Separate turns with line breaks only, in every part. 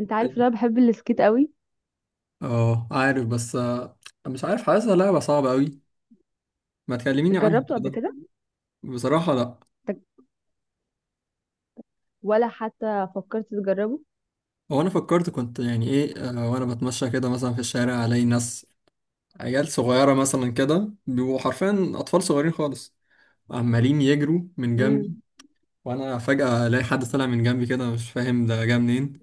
انت عارف ان انا بحب السكيت قوي.
اه عارف. بس آه، مش عارف، حاسسها لعبة صعبة قوي. ما تكلميني عنها
جربته قبل
كده.
كده؟
بصراحة لا.
طب، ولا حتى فكرت تجربه؟
هو انا فكرت، كنت يعني ايه آه، وانا بتمشى كده مثلا في الشارع، الاقي ناس، عيال صغيرة مثلا كده، بيبقوا حرفيا اطفال صغيرين خالص، عمالين يجروا من جنبي،
امم.
وانا فجأة الاقي حد طالع من جنبي كده، مش فاهم ده جه منين.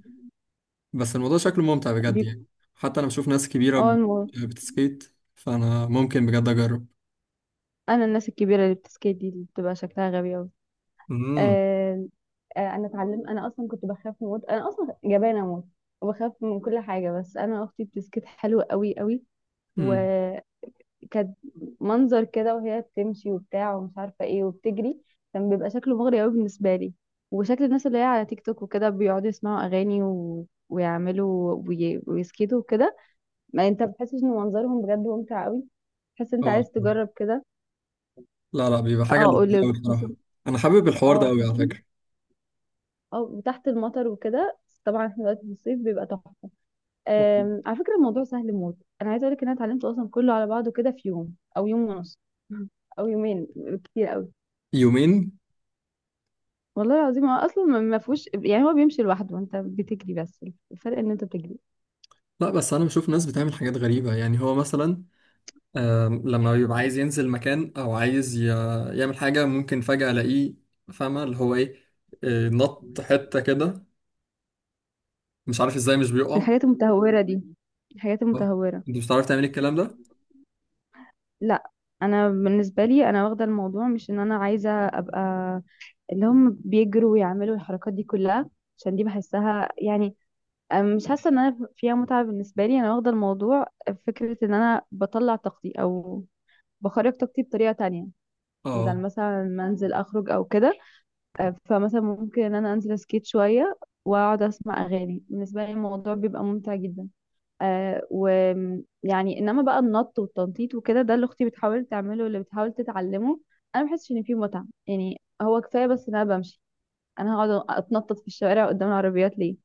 بس الموضوع شكله ممتع بجد
بيب...
يعني. حتى انا بشوف ناس كبيرة
اه المو...
بتسكيت، فانا ممكن بجد اجرب.
انا الناس الكبيره اللي بتسكيت دي اللي بتبقى شكلها غبي قوي.
امم.
آه... انا اتعلمت، انا اصلا كنت بخاف موت، انا اصلا جبانه موت وبخاف من كل حاجه، بس انا اختي بتسكيت حلو قوي قوي و...
امم.
كانت منظر كده وهي بتمشي وبتاع ومش عارفه ايه وبتجري، كان بيبقى شكله مغري قوي بالنسبه لي. وشكل الناس اللي هي على تيك توك وكده بيقعدوا يسمعوا اغاني ويعملوا ويسكتوا وكده، ما انت بتحسش ان منظرهم بجد ممتع قوي؟ تحس انت
اه.
عايز تجرب كده.
لا لا، بيبقى حاجة
اه اقول
لذيذة
لك،
أوي
خاصه،
بصراحة. أنا حابب الحوار
اه
ده أوي على
خاصه،
فكرة.
اه وتحت المطر وكده. طبعا احنا دلوقتي في الصيف بيبقى تحفه. على فكره الموضوع سهل موت، انا عايزه اقول لك ان انا اتعلمته اصلا كله على بعضه كده في يوم او يوم ونص، او يومين كتير قوي.
يومين.
والله العظيم هو اصلا ما فيهوش، يعني هو بيمشي لوحده وانت بتجري بس، الفرق ان انت بتجري.
لا، بس أنا بشوف ناس بتعمل حاجات غريبة يعني. هو مثلا لما بيبقى عايز ينزل مكان أو عايز يعمل حاجة، ممكن فجأة ألاقيه، فاهمة اللي هو إيه، نط حتة كده، مش عارف إزاي مش بيقع.
الحاجات المتهوره دي، الحاجات
آه،
المتهوره،
أنت مش بتعرف تعمل الكلام ده؟
لا انا بالنسبه لي، انا واخده الموضوع مش ان انا عايزه ابقى اللي هم بيجروا ويعملوا الحركات دي كلها، عشان دي بحسها يعني، مش حاسه ان انا فيها متعه. بالنسبه لي انا واخده الموضوع فكره ان انا بطلع طاقتي او بخرج طاقتي بطريقه تانية، بدل
أه.
مثلا ما انزل اخرج او كده. فمثلا ممكن ان انا انزل اسكيت شويه واقعد اسمع اغاني، بالنسبه لي الموضوع بيبقى ممتع جدا. آه ويعني انما بقى النط والتنطيط وكده، ده اللي اختي بتحاول تعمله واللي بتحاول تتعلمه، انا ما بحسش ان فيه متعه، يعني هو كفايه بس ان انا بمشي، انا هقعد اتنطط في الشوارع قدام العربيات ليه؟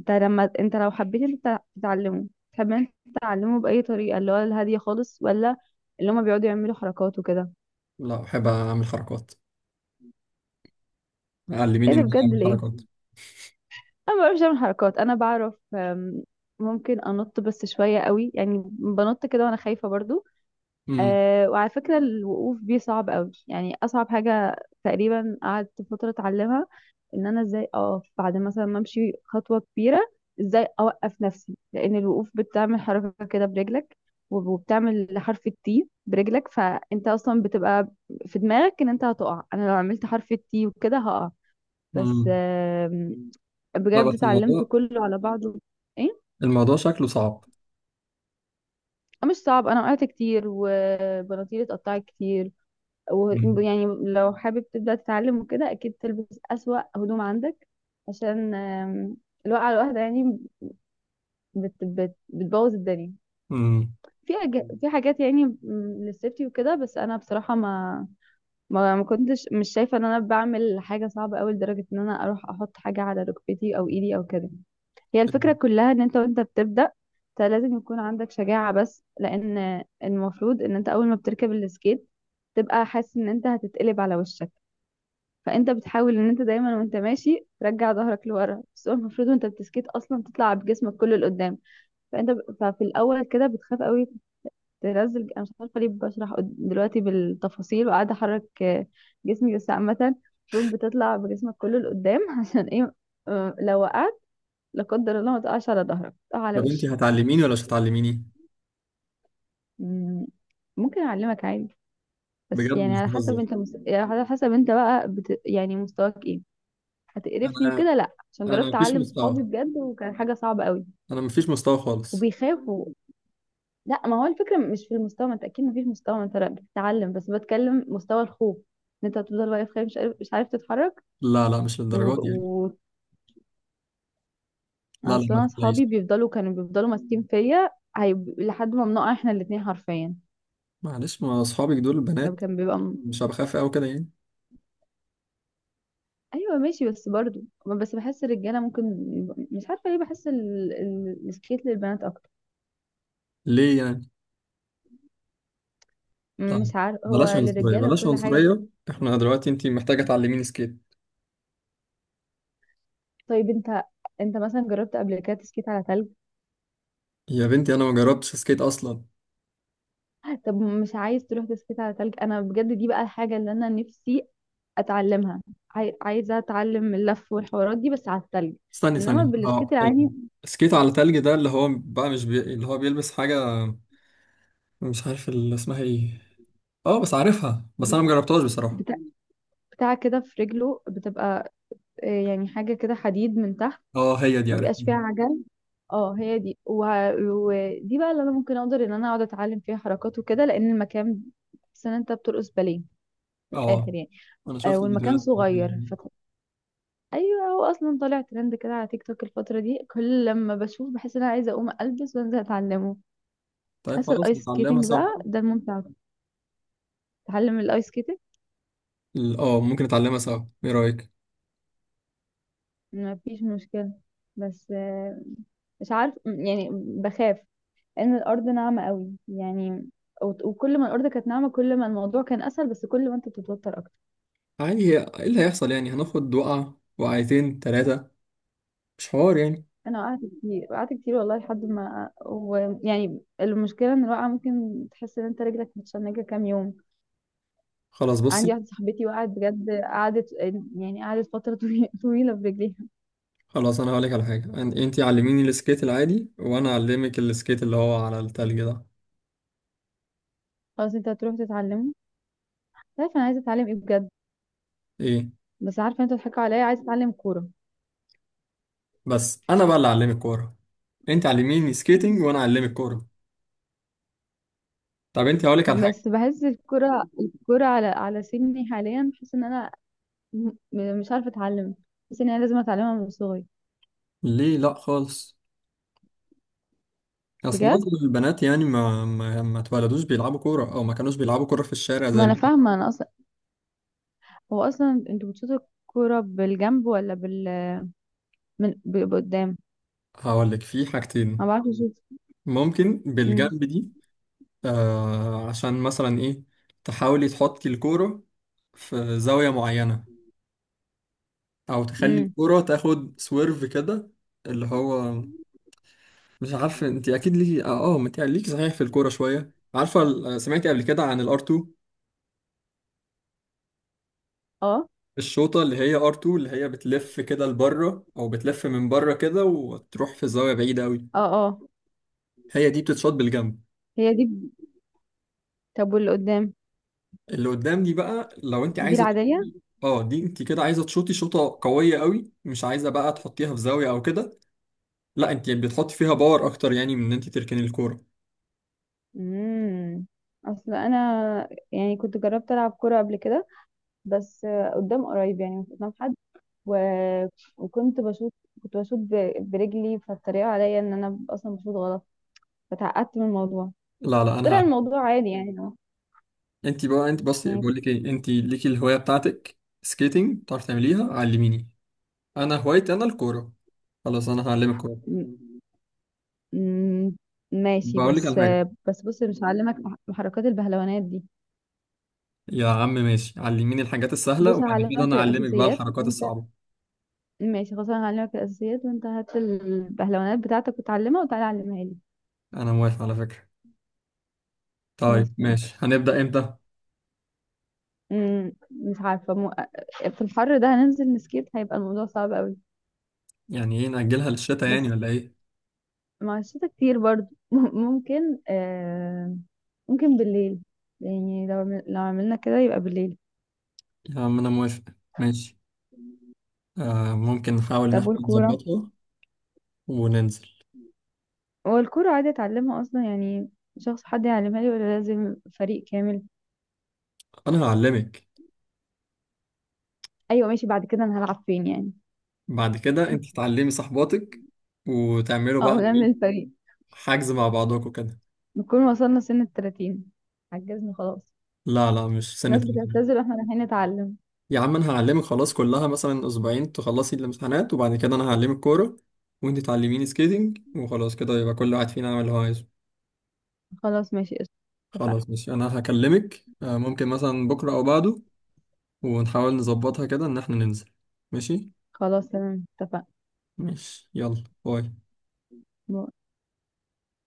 انت لما انت لو حبيت انت تتعلمه، تحب انت تتعلمه باي طريقه، اللي هو الهاديه خالص ولا اللي هما بيقعدوا يعملوا حركات وكده؟
لا، بحب أعمل حركات. علميني
ايه
إن
ده
أنا
بجد؟
أعمل
ليه؟
حركات.
انا ما بعرفش اعمل حركات، انا بعرف ممكن انط بس شويه قوي، يعني بنط كده وانا خايفه برضو.
امم.
أه وعلى فكره الوقوف بيه صعب قوي، يعني اصعب حاجه. تقريبا قعدت فتره اتعلمها ان انا ازاي اقف بعد مثلا ما امشي خطوه كبيره، ازاي اوقف نفسي، لان الوقوف بتعمل حركه كده برجلك، وبتعمل حرف التي برجلك، فانت اصلا بتبقى في دماغك ان انت هتقع. انا لو عملت حرف التي وكده هقع. بس
امم. لا
بجد
بس
اتعلمت
الموضوع،
كله على بعضه. ايه؟
الموضوع شكله صعب.
آه، مش صعب، انا وقعت كتير وبناطيلي اتقطعت كتير. ويعني لو حابب تبدأ تتعلم وكده، اكيد تلبس اسوأ هدوم عندك، عشان الوقعة الواحدة يعني بت بتبوظ الدنيا.
امم.
في حاجات يعني للسيفتي وكده، بس انا بصراحة ما كنتش مش شايفة ان انا بعمل حاجة صعبة قوي لدرجة ان انا اروح احط حاجة على ركبتي او ايدي او كده. هي الفكرة كلها ان انت وانت بتبدأ، انت لازم يكون عندك شجاعة، بس لان المفروض ان انت اول ما بتركب السكيت تبقى حاسس ان انت هتتقلب على وشك، فانت بتحاول ان انت دايما وانت ماشي ترجع ظهرك لورا، بس هو المفروض وانت بتسكيت اصلا تطلع بجسمك كله لقدام. ففي الاول كده بتخاف قوي تنزل. انا مش عارفة ليه بشرح دلوقتي بالتفاصيل وقاعدة احرك جسمي. بس عامة المفروض بتطلع بجسمك كله لقدام عشان ايه؟ آه، لو وقعت، لا قدر الله، ما تقعش على ظهرك، تقع على
طب انت
وشك.
هتعلميني ولا مش هتعلميني؟
مم، ممكن اعلمك عادي، بس
بجد
يعني
مش
على حسب
بهزر.
انت يعني على حسب انت بقى يعني مستواك ايه. هتقرفني
انا
وكده؟ لا، عشان
انا
جربت
مفيش
اعلم صحابي
مستوى،
بجد وكان حاجه صعبه قوي
انا مفيش مستوى خالص.
وبيخافوا. لا، ما هو الفكره مش في المستوى، ما انت اكيد ما فيش مستوى، ما انت لا بتتعلم، بس بتكلم مستوى الخوف، ان انت هتفضل واقف خايف مش عارف، مش عارف تتحرك.
لا لا، مش
و...
للدرجات دي يعني.
و...
لا لا،
اصلا
ما
انا
تقلقيش.
صحابي بيفضلوا كانوا بيفضلوا ماسكين فيا لحد ما بنقع احنا الاثنين حرفيا.
معلش، ما اصحابك دول
لو
البنات،
كان بيبقى
مش هبقى خايف قوي كده يعني.
ايوه ماشي، بس برضو بس بحس الرجاله ممكن مش عارفه ليه بحس السكيت للبنات اكتر.
ليه يعني؟ لا،
مش عارف، هو
بلاش عنصرية،
للرجاله
بلاش
وكل حاجه.
عنصرية، احنا دلوقتي انت محتاجة تعلميني سكيت.
طيب انت، انت مثلا جربت قبل كده تسكيت على تلج؟
يا بنتي انا ما جربتش سكيت اصلا.
طب مش عايز تروح تسكيت على تلج؟ انا بجد دي بقى الحاجه اللي انا نفسي اتعلمها، عايزه اتعلم اللف والحوارات دي بس على التلج.
استني
انما
ثانية.
بالسكيت
اه،
العادي
السكيت على تلج ده، اللي هو بقى مش بي... اللي هو بيلبس حاجة، مش عارف اللي اسمها ايه. اه بس عارفها، بس انا مجربتهاش بصراحة.
بتاع، بتاع كده في رجله بتبقى، آه، يعني حاجه كده حديد من تحت،
اه هي دي،
ما بيبقاش
عرفتها.
فيها عجل. اه هي دي، ودي بقى اللي انا ممكن اقدر ان انا اقعد اتعلم فيها حركات وكده، لان المكان، بس ان انت بترقص باليه من
اه،
الاخر يعني.
انا
آه
شفت
والمكان
الفيديوهات
صغير
دي.
ايوه. هو اصلا طالع ترند كده على تيك توك الفتره دي، كل لما بشوف بحس ان انا عايزه اقوم البس وانزل اتعلمه.
طيب
حاسه
خلاص،
الايس
نتعلمها
سكيتنج
سوا.
بقى ده الممتع، اتعلم الايس سكيتنج.
اه، ممكن نتعلمها سوا، ايه رأيك؟
ما فيش مشكله، بس آه مش عارف، يعني بخاف ان الارض ناعمه قوي يعني، وكل ما الارض كانت ناعمه كل ما الموضوع كان اسهل، بس كل ما انت بتتوتر اكتر.
عادي، ايه اللي هيحصل يعني؟ هناخد وقعة، وقعتين، تلاتة، مش حوار يعني.
انا وقعت كتير، وقعت كتير والله، لحد ما ويعني المشكله ان الوقعه ممكن تحس ان انت رجلك متشنجه كام يوم.
خلاص
عندي
بصي،
واحده صاحبتي وقعت بجد، قعدت يعني قعدت فتره طويله برجليها.
خلاص انا هقولك على حاجة، انتي علميني السكيت العادي وانا اعلمك السكيت اللي هو على التلج ده.
خلاص انت هتروح تتعلمه. عارفه انا عايزه اتعلم ايه بجد؟
ايه،
بس عارفه انتوا بتضحكوا عليا، عايزه اتعلم كوره.
بس انا بقى اللي اعلمك كورة. انتي علميني سكيتنج وانا اعلمك كورة. طب انتي هقولك على حاجة.
بس بحس الكوره، الكوره على على سني حاليا بحس ان انا مش عارفه اتعلم، بحس ان انا لازم اتعلمها من صغري.
ليه؟ لا خالص. اصل
بجد
معظم البنات يعني ما اتولدوش بيلعبوا كوره، او ما كانوش بيلعبوا كوره في الشارع زي،
ما انا فاهمه. انا اصلا، هو اصلا انتوا بتشوطوا الكوره بالجنب ولا من بيبقى قدام؟
هقول لك في
ما
حاجتين.
بعرفش اشوف.
ممكن
امم.
بالجنب دي. آه عشان مثلا ايه، تحاولي تحطي الكورة في زاوية معينة، او تخلي
امم.
الكورة تاخد سويرف كده، اللي هو، مش عارف انت اكيد ليكي، اه اه ما انت ليكي صحيح في الكورة شوية، عارفة سمعتي قبل كده عن الار 2؟
اه.
الشوطة اللي هي ار 2، اللي هي بتلف كده لبره، او بتلف من بره كده، وتروح في زاوية بعيدة قوي.
اه. اه
هي دي بتتشاط بالجنب.
هي دي. طب واللي قدام؟
اللي قدام دي بقى، لو انت
دي
عايزه
العادية.
اه، دي انت كده عايزه تشوطي شوطه قويه قوي، مش عايزه بقى تحطيها في زاويه او كده. لا، انت بتحطي فيها باور اكتر، يعني من ان انت تركني الكوره.
امم. اصل انا يعني كنت جربت العب كورة قبل كده، بس آه، قدام قريب يعني مش قدام حد، و... وكنت بشوط، كنت بشوط برجلي، فالطريقة عليا ان انا اصلا بشوط غلط، فتعقدت من الموضوع.
لا لا
بس
انا
طلع
ه...
الموضوع عادي يعني
انت بقى، انت بصي،
يعني
بقول
كنت
لك ايه، انت ليكي الهوايه بتاعتك سكيتنج، بتعرفي تعمليها، علميني. انا هوايتي انا الكوره، خلاص انا هعلمك كوره.
م- م- ماشي.
بقول لك على
بس
حاجه.
آه، بس بص مش هعلمك محركات البهلوانات دي.
يا عم ماشي، علميني الحاجات السهله،
بص
وبعد كده
هعلمك
انا اعلمك بقى
الاساسيات،
الحركات
وانت
الصعبه.
ماشي. خلاص انا هعلمك الاساسيات، وانت هات البهلوانات بتاعتك وتعلمها وتعالى علمها لي.
انا موافق على فكره.
خلاص
طيب
ماشي.
ماشي، هنبدا امتى؟
مش عارفه في الحر ده هننزل نسكيت هيبقى الموضوع صعب قوي.
يعني ايه، نأجلها للشتاء يعني
بس
ولا ايه؟
مع الشتا كتير برضو ممكن ممكن بالليل، يعني لو لو عملنا كده يبقى بالليل.
يا عم أنا موافق، ماشي. ممكن نحاول إن
طب
إحنا
والكوره؟
نظبطها وننزل.
هو الكوره عادي اتعلمها اصلا يعني؟ شخص، حد يعلمها لي ولا لازم فريق كامل؟
أنا هعلمك.
ايوه ماشي، بعد كده انا هلعب فين يعني؟
بعد كده أنت تعلمي صاحباتك، وتعملوا
او
بقى
نعمل فريق،
حجز مع بعضكم كده.
نكون وصلنا سن 30، عجزنا خلاص.
لا لا، مش سنة
الناس
تلاتين.
بتعتذر واحنا رايحين نتعلم.
يا عم أنا هعلمك خلاص، كلها مثلا أسبوعين تخلصي الامتحانات، وبعد كده أنا هعلمك كورة، وأنت تعلميني سكيتنج، وخلاص كده يبقى كل واحد فينا يعمل اللي هو عايزه.
خلاص ماشي قشطة،
خلاص
اتفقنا.
ماشي. أنا هكلمك ممكن مثلا بكرة أو بعده، ونحاول نظبطها كده إن إحنا ننزل. ماشي.
خلاص تمام، اتفقنا.
ماشي يلا باي.